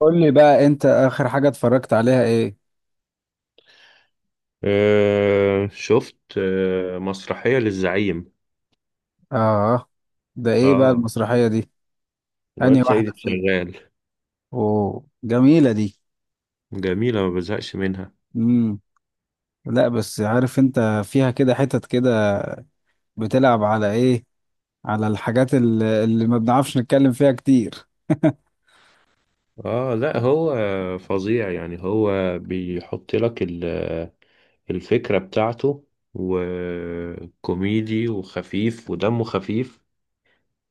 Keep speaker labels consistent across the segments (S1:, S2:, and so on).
S1: قول لي بقى، انت اخر حاجة اتفرجت عليها ايه؟
S2: شفت مسرحية للزعيم.
S1: اه. ده ايه بقى
S2: اه،
S1: المسرحية دي؟ انهي
S2: الواد
S1: واحدة
S2: سيد
S1: فيهم؟
S2: شغال.
S1: اوه، جميلة دي.
S2: جميلة، ما بزهقش منها.
S1: امم. لا، بس عارف انت، فيها كده حتت كده، بتلعب على ايه، على الحاجات اللي ما بنعرفش نتكلم فيها كتير.
S2: اه، لا هو فظيع يعني. هو بيحط لك الفكرة بتاعته، وكوميدي وخفيف ودمه خفيف،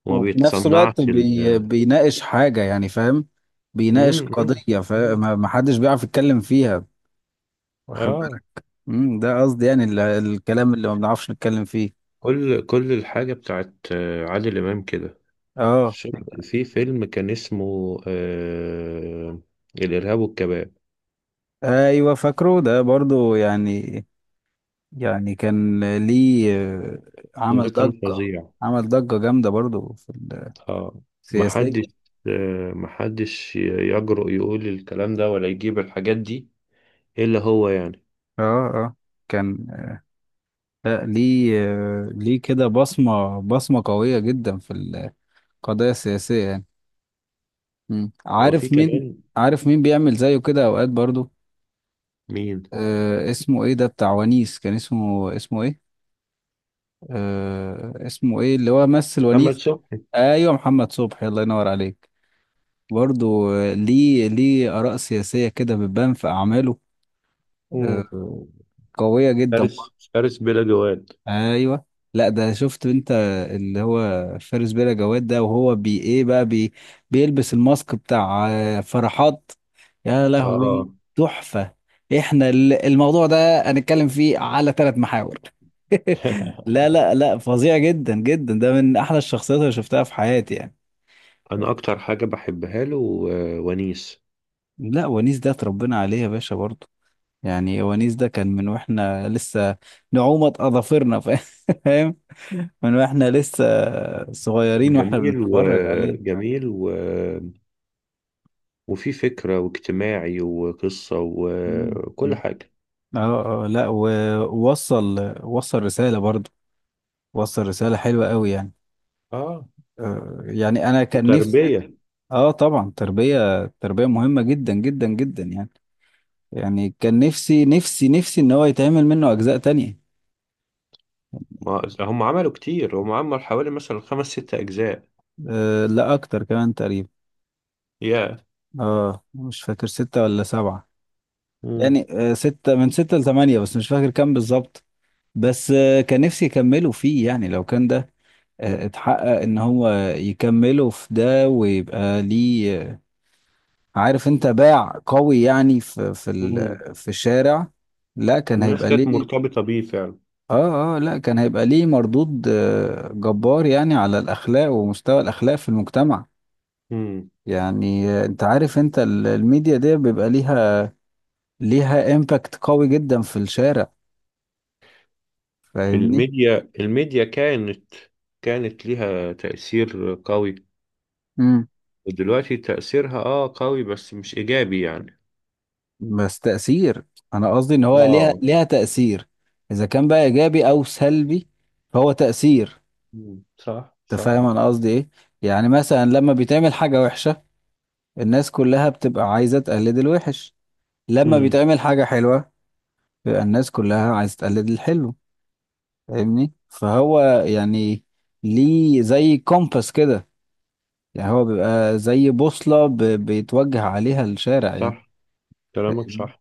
S2: وما
S1: وفي نفس الوقت
S2: بيتصنعش ال
S1: بيناقش حاجة، يعني فاهم؟ بيناقش
S2: مم، مم،
S1: قضية،
S2: مم.
S1: فما ما حدش بيعرف يتكلم فيها. واخد
S2: اه،
S1: بالك؟ ده قصدي، يعني الكلام اللي ما بنعرفش نتكلم فيه.
S2: كل الحاجة بتاعت عادل إمام كده.
S1: اه.
S2: شفت في فيلم كان اسمه الإرهاب والكباب.
S1: ايوه، فاكره ده برضو يعني. يعني كان. ليه. آه، عمل
S2: ده كان
S1: ضجة.
S2: فظيع.
S1: عمل ضجة جامدة برضو في
S2: اه،
S1: السياسية.
S2: محدش، آه محدش يجرؤ يقول الكلام ده ولا يجيب الحاجات دي إلا هو يعني.
S1: اه، اه. كان. لا، ليه. ليه كده بصمة قوية جدا في القضايا السياسية يعني. مم.
S2: هو في
S1: عارف مين.
S2: كمان.
S1: بيعمل زيه كده اوقات برضو؟
S2: مين؟
S1: اسمه ايه ده بتاع ونيس، كان اسمه ايه؟ اسمه ايه اللي هو مثل
S2: محمد
S1: ونيس؟
S2: صبحي.
S1: ايوه، محمد صبحي، الله ينور عليك. برضه. ليه آراء سياسية كده بتبان في أعماله.
S2: مم.
S1: آه، قوية جدا
S2: فارس
S1: برضه.
S2: فارس بلا جواد.
S1: أيوه. لا، ده شفت أنت، اللي هو فارس بلا جواد ده، وهو بي إيه بقى بي بيلبس الماسك بتاع فرحات. يا لهوي!
S2: اه.
S1: تحفة. إحنا الموضوع ده هنتكلم فيه على ثلاث محاور. لا، لا، لا، فظيع جدا جدا، ده من أحلى الشخصيات اللي شفتها في حياتي يعني.
S2: أنا أكتر حاجة بحبها له ونيس.
S1: لا، ونيس ده اتربينا عليه يا باشا برضه. يعني ونيس ده كان من واحنا لسه نعومة اظافرنا فاهم. من واحنا لسه صغيرين واحنا
S2: جميل
S1: بنتفرج عليه.
S2: وجميل، وفي فكرة واجتماعي وقصة
S1: مم.
S2: وكل
S1: مم.
S2: حاجة.
S1: اه، اه، لا، ووصل رسالة برضو، وصل رسالة حلوة قوي يعني.
S2: اه،
S1: يعني انا كان نفسي.
S2: وتربية.
S1: اه، طبعا تربية تربية مهمة جدا جدا جدا يعني. يعني كان نفسي نفسي نفسي ان هو يتعمل منه اجزاء تانية.
S2: ما هم عملوا كتير، هم عملوا حوالي مثلا خمس ست أجزاء.
S1: لا، اكتر كمان تقريبا.
S2: يا،
S1: اه، مش فاكر ستة ولا سبعة.
S2: امم.
S1: يعني ستة، من ستة لثمانية، بس مش فاكر كام بالظبط. بس كان نفسي يكملوا فيه، يعني لو كان ده اتحقق ان هو يكملوا في ده، ويبقى ليه عارف انت، باع قوي يعني
S2: مم.
S1: في الشارع. لا، كان
S2: الناس
S1: هيبقى
S2: كانت
S1: ليه.
S2: مرتبطة بيه فعلا.
S1: اه، اه، لا، كان هيبقى ليه مردود جبار يعني، على الاخلاق ومستوى الاخلاق في المجتمع.
S2: مم.
S1: يعني انت عارف انت الميديا دي بيبقى ليها، ليها امباكت قوي جدا في الشارع. فاهمني؟
S2: الميديا كانت، كانت ليها تأثير قوي، ودلوقتي تأثيرها اه قوي بس مش إيجابي يعني.
S1: بس تأثير. أنا قصدي إن هو ليها
S2: اه.
S1: ليها تأثير، إذا كان بقى إيجابي أو سلبي، فهو تأثير.
S2: مم. صح،
S1: أنت
S2: صح.
S1: فاهم أنا قصدي إيه؟ يعني مثلا، لما بيتعمل حاجة وحشة، الناس كلها بتبقى عايزة تقلد الوحش. لما
S2: مم.
S1: بيتعمل حاجة حلوة، بيبقى الناس كلها عايزة تقلد الحلو. فاهمني؟ فهو، يعني، ليه زي كومباس كده. يعني هو بيبقى زي بوصلة بيتوجه عليها الشارع يعني.
S2: صح، كلامك صح.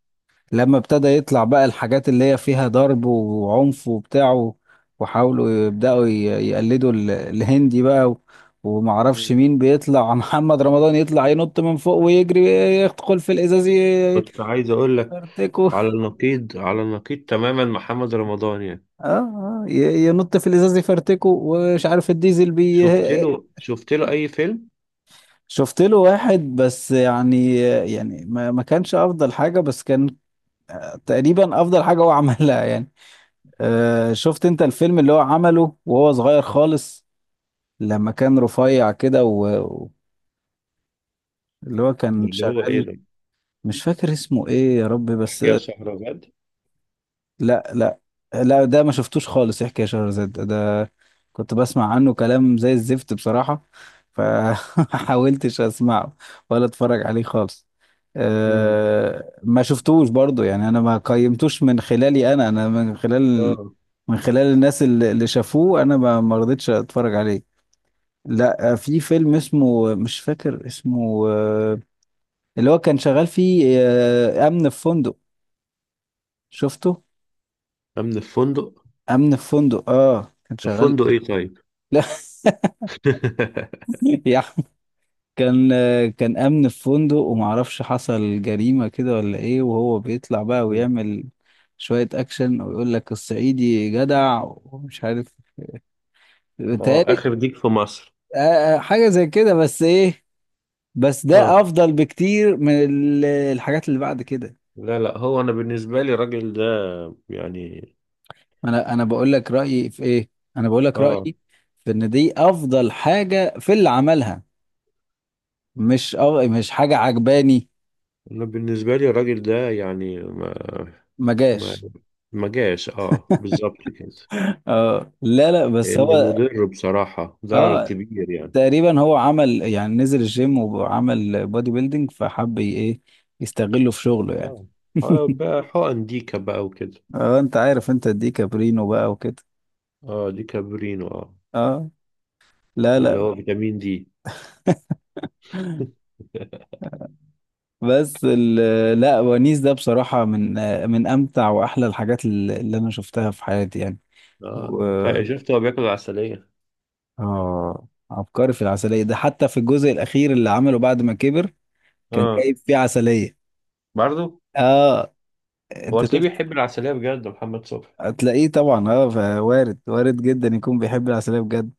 S1: لما ابتدى يطلع بقى الحاجات اللي هي فيها ضرب وعنف وبتاع وحاولوا يبدأوا يقلدوا الهندي بقى ومعرفش
S2: مم.
S1: مين بيطلع محمد رمضان يطلع ينط من فوق ويجري، يدخل في الإزاز
S2: كنت عايز أقول لك،
S1: يفرتكه.
S2: على النقيض، على النقيض تماما محمد رمضان يعني.
S1: اه، ينط في الإزاز يفرتكه، ومش عارف الديزل
S2: شفت له، شفت له اي فيلم؟
S1: شفت له واحد بس يعني، يعني ما كانش أفضل حاجة، بس كان تقريبا أفضل حاجة هو عملها يعني. شفت انت الفيلم اللي هو عمله وهو صغير خالص، لما كان رفيع كده اللي هو
S2: ده
S1: كان
S2: اللي هو ايه
S1: شغال.
S2: ده؟
S1: مش فاكر اسمه ايه يا ربي بس.
S2: احكي يا شهرزاد.
S1: لا، لا، لا، ده ما شفتوش خالص، يحكي يا شهرزاد ده كنت بسمع عنه كلام زي الزفت بصراحة، فحاولتش اسمعه ولا اتفرج عليه خالص.
S2: امم،
S1: أه، ما شفتوش برضو يعني، انا ما قيمتوش من خلالي انا من خلال،
S2: اه.
S1: من خلال الناس اللي شافوه، انا ما رضيتش اتفرج عليه. لا، في فيلم اسمه، مش فاكر اسمه اللي هو كان شغال فيه امن في فندق. شفته؟
S2: امن الفندق؟
S1: امن في فندق، اه، كان شغال.
S2: الفندق ايه طيب؟
S1: لا، يا أحمد. كان امن في فندق، ومعرفش حصل جريمة كده ولا ايه، وهو بيطلع بقى
S2: مم.
S1: ويعمل شوية اكشن، ويقول لك الصعيدي جدع ومش عارف،
S2: اه،
S1: بيتهيألي
S2: اخر ديك في مصر.
S1: حاجة زي كده، بس ايه. بس
S2: اه،
S1: ده افضل بكتير من الحاجات اللي بعد كده.
S2: لا لا، هو انا بالنسبه لي الراجل ده يعني.
S1: انا بقول لك رايي في ايه، انا بقول لك
S2: اه،
S1: رايي في ان دي افضل حاجه في اللي عملها، مش حاجه عجباني.
S2: انا بالنسبه لي الراجل ده يعني ما،
S1: ما
S2: ما،
S1: جاش.
S2: ما جاش اه بالظبط كده.
S1: اه، لا، لا، بس
S2: لان
S1: هو،
S2: مضر بصراحه، ضرر
S1: اه،
S2: كبير يعني.
S1: تقريبا هو عمل يعني نزل الجيم وعمل بودي بيلدينج، فحب ايه، يستغله في شغله يعني.
S2: اه. بقى حقن ديكه بقى وكده.
S1: اه، انت عارف انت دي كابرينو بقى وكده.
S2: اه، دي كابورينو اه.
S1: اه، لا،
S2: ده اللي
S1: لا،
S2: هو اه فيتامين دي.
S1: بس لا، ونيس ده بصراحه من، من امتع واحلى الحاجات اللي انا شفتها في حياتي يعني.
S2: اه، شفته هو بياكل عسلية.
S1: اه، عبقري في العسلية ده، حتى في الجزء الأخير اللي عمله بعد ما كبر كان
S2: اه،
S1: جايب فيه عسلية.
S2: برضه.
S1: اه،
S2: هو
S1: انت
S2: تلاقيه
S1: شفت.
S2: بيحب العسلية بجد، محمد صبحي؟
S1: هتلاقيه طبعا، اه، وارد وارد جدا يكون بيحب العسلية بجد.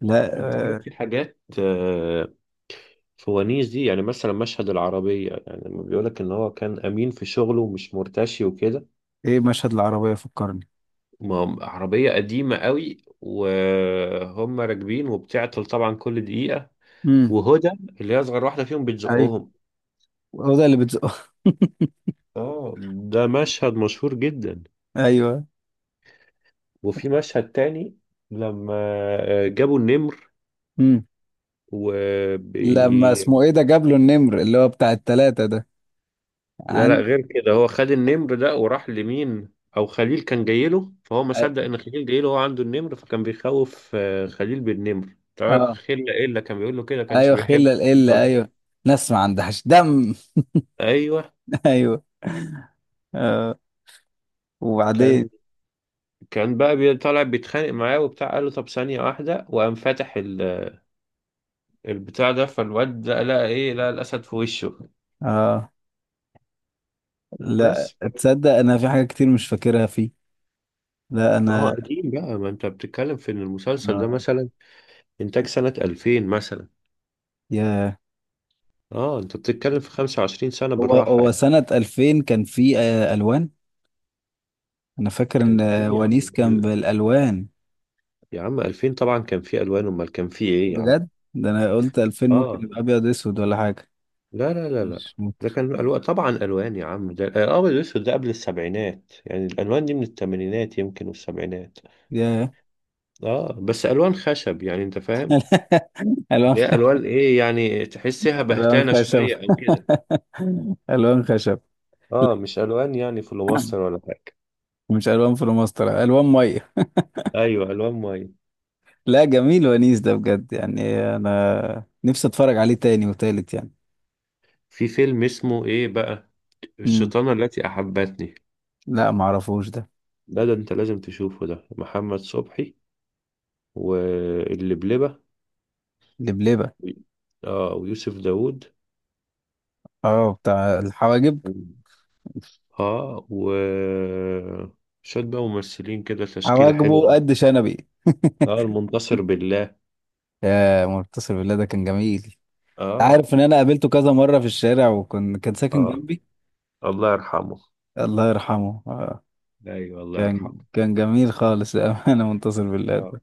S1: لا،
S2: انت عارف
S1: آه
S2: في حاجات فوانيس دي. يعني مثلا مشهد العربية، يعني لما بيقولك ان هو كان امين في شغله ومش مرتشي وكده.
S1: ايه مشهد العربية، فكرني.
S2: ما عربية قديمة قوي وهم راكبين وبتعطل طبعا كل دقيقة،
S1: امم.
S2: وهدى اللي هي اصغر واحدة فيهم
S1: ايوه،
S2: بتزقهم.
S1: هو ده اللي بتزقه.
S2: اه، ده مشهد مشهور جدا.
S1: ايوه.
S2: وفي مشهد تاني لما جابوا النمر
S1: امم.
S2: و بي...
S1: لما اسمه ايه ده، جاب له النمر اللي هو بتاع التلاتة ده.
S2: لا لا،
S1: عن.
S2: غير كده. هو خد النمر ده وراح لمين او خليل كان جاي له، فهو ما
S1: اه.
S2: صدق ان خليل جاي له هو عنده النمر، فكان بيخوف خليل بالنمر. طبعا
S1: آه.
S2: خلة ايه اللي كان بيقول له كده، كانش
S1: ايوه،
S2: بيحب.
S1: خلة القلة، ايوه. ناس ما عندهاش دم.
S2: ايوه.
S1: ايوه. آه وبعدين.
S2: كان، طالع بيتخانق معاه وبتاع، قال له طب ثانية واحدة وقام فاتح البتاع ده، فالواد ده لقى ايه؟ لقى الاسد في وشه.
S1: اه، لا
S2: بس
S1: تصدق، انا في حاجة كتير مش فاكرها فيه. لا،
S2: ما هو
S1: انا
S2: قديم بقى. ما انت بتتكلم في ان المسلسل ده
S1: آه،
S2: مثلا انتاج سنة 2000 مثلا.
S1: يا
S2: اه، انت بتتكلم في 25 سنة
S1: هو
S2: بالراحة
S1: هو
S2: يعني.
S1: سنة 2000 كان في الوان. انا فاكر ان
S2: كان في إيه يا
S1: ونيس
S2: عم؟
S1: كان
S2: كل،
S1: بالالوان.
S2: يا عم 2000 طبعا كان في الوان، امال كان في ايه يا عم؟
S1: بجد، ده انا قلت 2000 ممكن
S2: اه
S1: يبقى ابيض اسود ولا حاجة.
S2: لا لا لا لا،
S1: مش ممكن.
S2: ده كان الوان طبعا. الوان يا عم، ده الابيض والاسود ده قبل السبعينات. يعني الالوان دي من الثمانينات يمكن والسبعينات.
S1: يا،
S2: اه، بس الوان خشب يعني، انت فاهم،
S1: الوان
S2: اللي هي الوان ايه يعني، تحسها
S1: الوان
S2: بهتانة
S1: خشب.
S2: شوية او كده.
S1: الوان خشب. لا،
S2: اه مش الوان يعني في مصر ولا حاجة.
S1: مش الوان فلوماستر، الوان ميه.
S2: ايوه، الوان ميه.
S1: لا، جميل ونيس ده بجد يعني، انا نفسي اتفرج عليه تاني وتالت يعني.
S2: في فيلم اسمه ايه بقى،
S1: امم.
S2: الشيطانه التي احبتني.
S1: لا، معرفوش ده.
S2: ده ده انت لازم تشوفه، ده محمد صبحي واللبلبه
S1: لبلبة.
S2: و، اه، ويوسف داوود
S1: اه، بتاع الحواجب.
S2: و، اه، و شوية بقى ممثلين كده، تشكيلة حلوة.
S1: حواجبه قد شنبي.
S2: اه، المنتصر بالله.
S1: يا منتصر بالله، ده كان جميل.
S2: اه.
S1: عارف ان انا قابلته كذا مرة في الشارع، وكان كان ساكن
S2: اه
S1: جنبي.
S2: الله يرحمه.
S1: الله يرحمه.
S2: ايوه الله
S1: كان
S2: يرحمه.
S1: كان جميل خالص انا منتصر بالله
S2: اه،
S1: ده.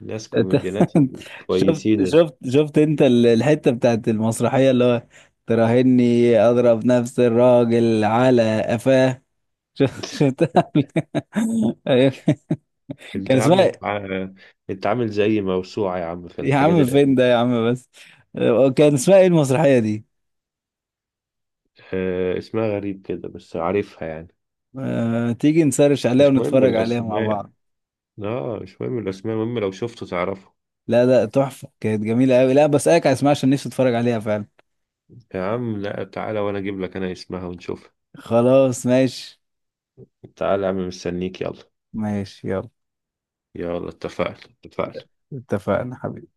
S2: ناس
S1: أنت-
S2: كوميديانات
S1: شفت
S2: كويسين.
S1: شفت شفت انت الحتة بتاعت المسرحية، اللي هو تراهني اضرب نفس الراجل على قفاه. شفت؟ أيوة.
S2: انت
S1: كان
S2: يا عم،
S1: اسمها.
S2: انت انت عامل زي موسوعة يا عم في
S1: يا
S2: الحاجات
S1: عم فين ده
S2: القديمة.
S1: يا عم بس. كان اسمها ايه المسرحية دي؟
S2: اسمها غريب كده بس عارفها يعني.
S1: أه، تيجي نسرش عليها
S2: مش مهم
S1: ونتفرج عليها مع
S2: الأسماء.
S1: بعض.
S2: اه مش مهم الأسماء، المهم لو شفته تعرفه.
S1: لا، لا، تحفة، كانت جميلة قوي، لا بسألك على اسمها عشان نفسي اتفرج عليها فعلا.
S2: يا عم لا، تعالى وأنا أجيب لك أنا اسمها ونشوفها.
S1: خلاص، ماشي.
S2: تعالى يا عم، مستنيك، يلا.
S1: ماشي، يلا،
S2: يلا، اتفقنا اتفقنا.
S1: اتفقنا حبيبي.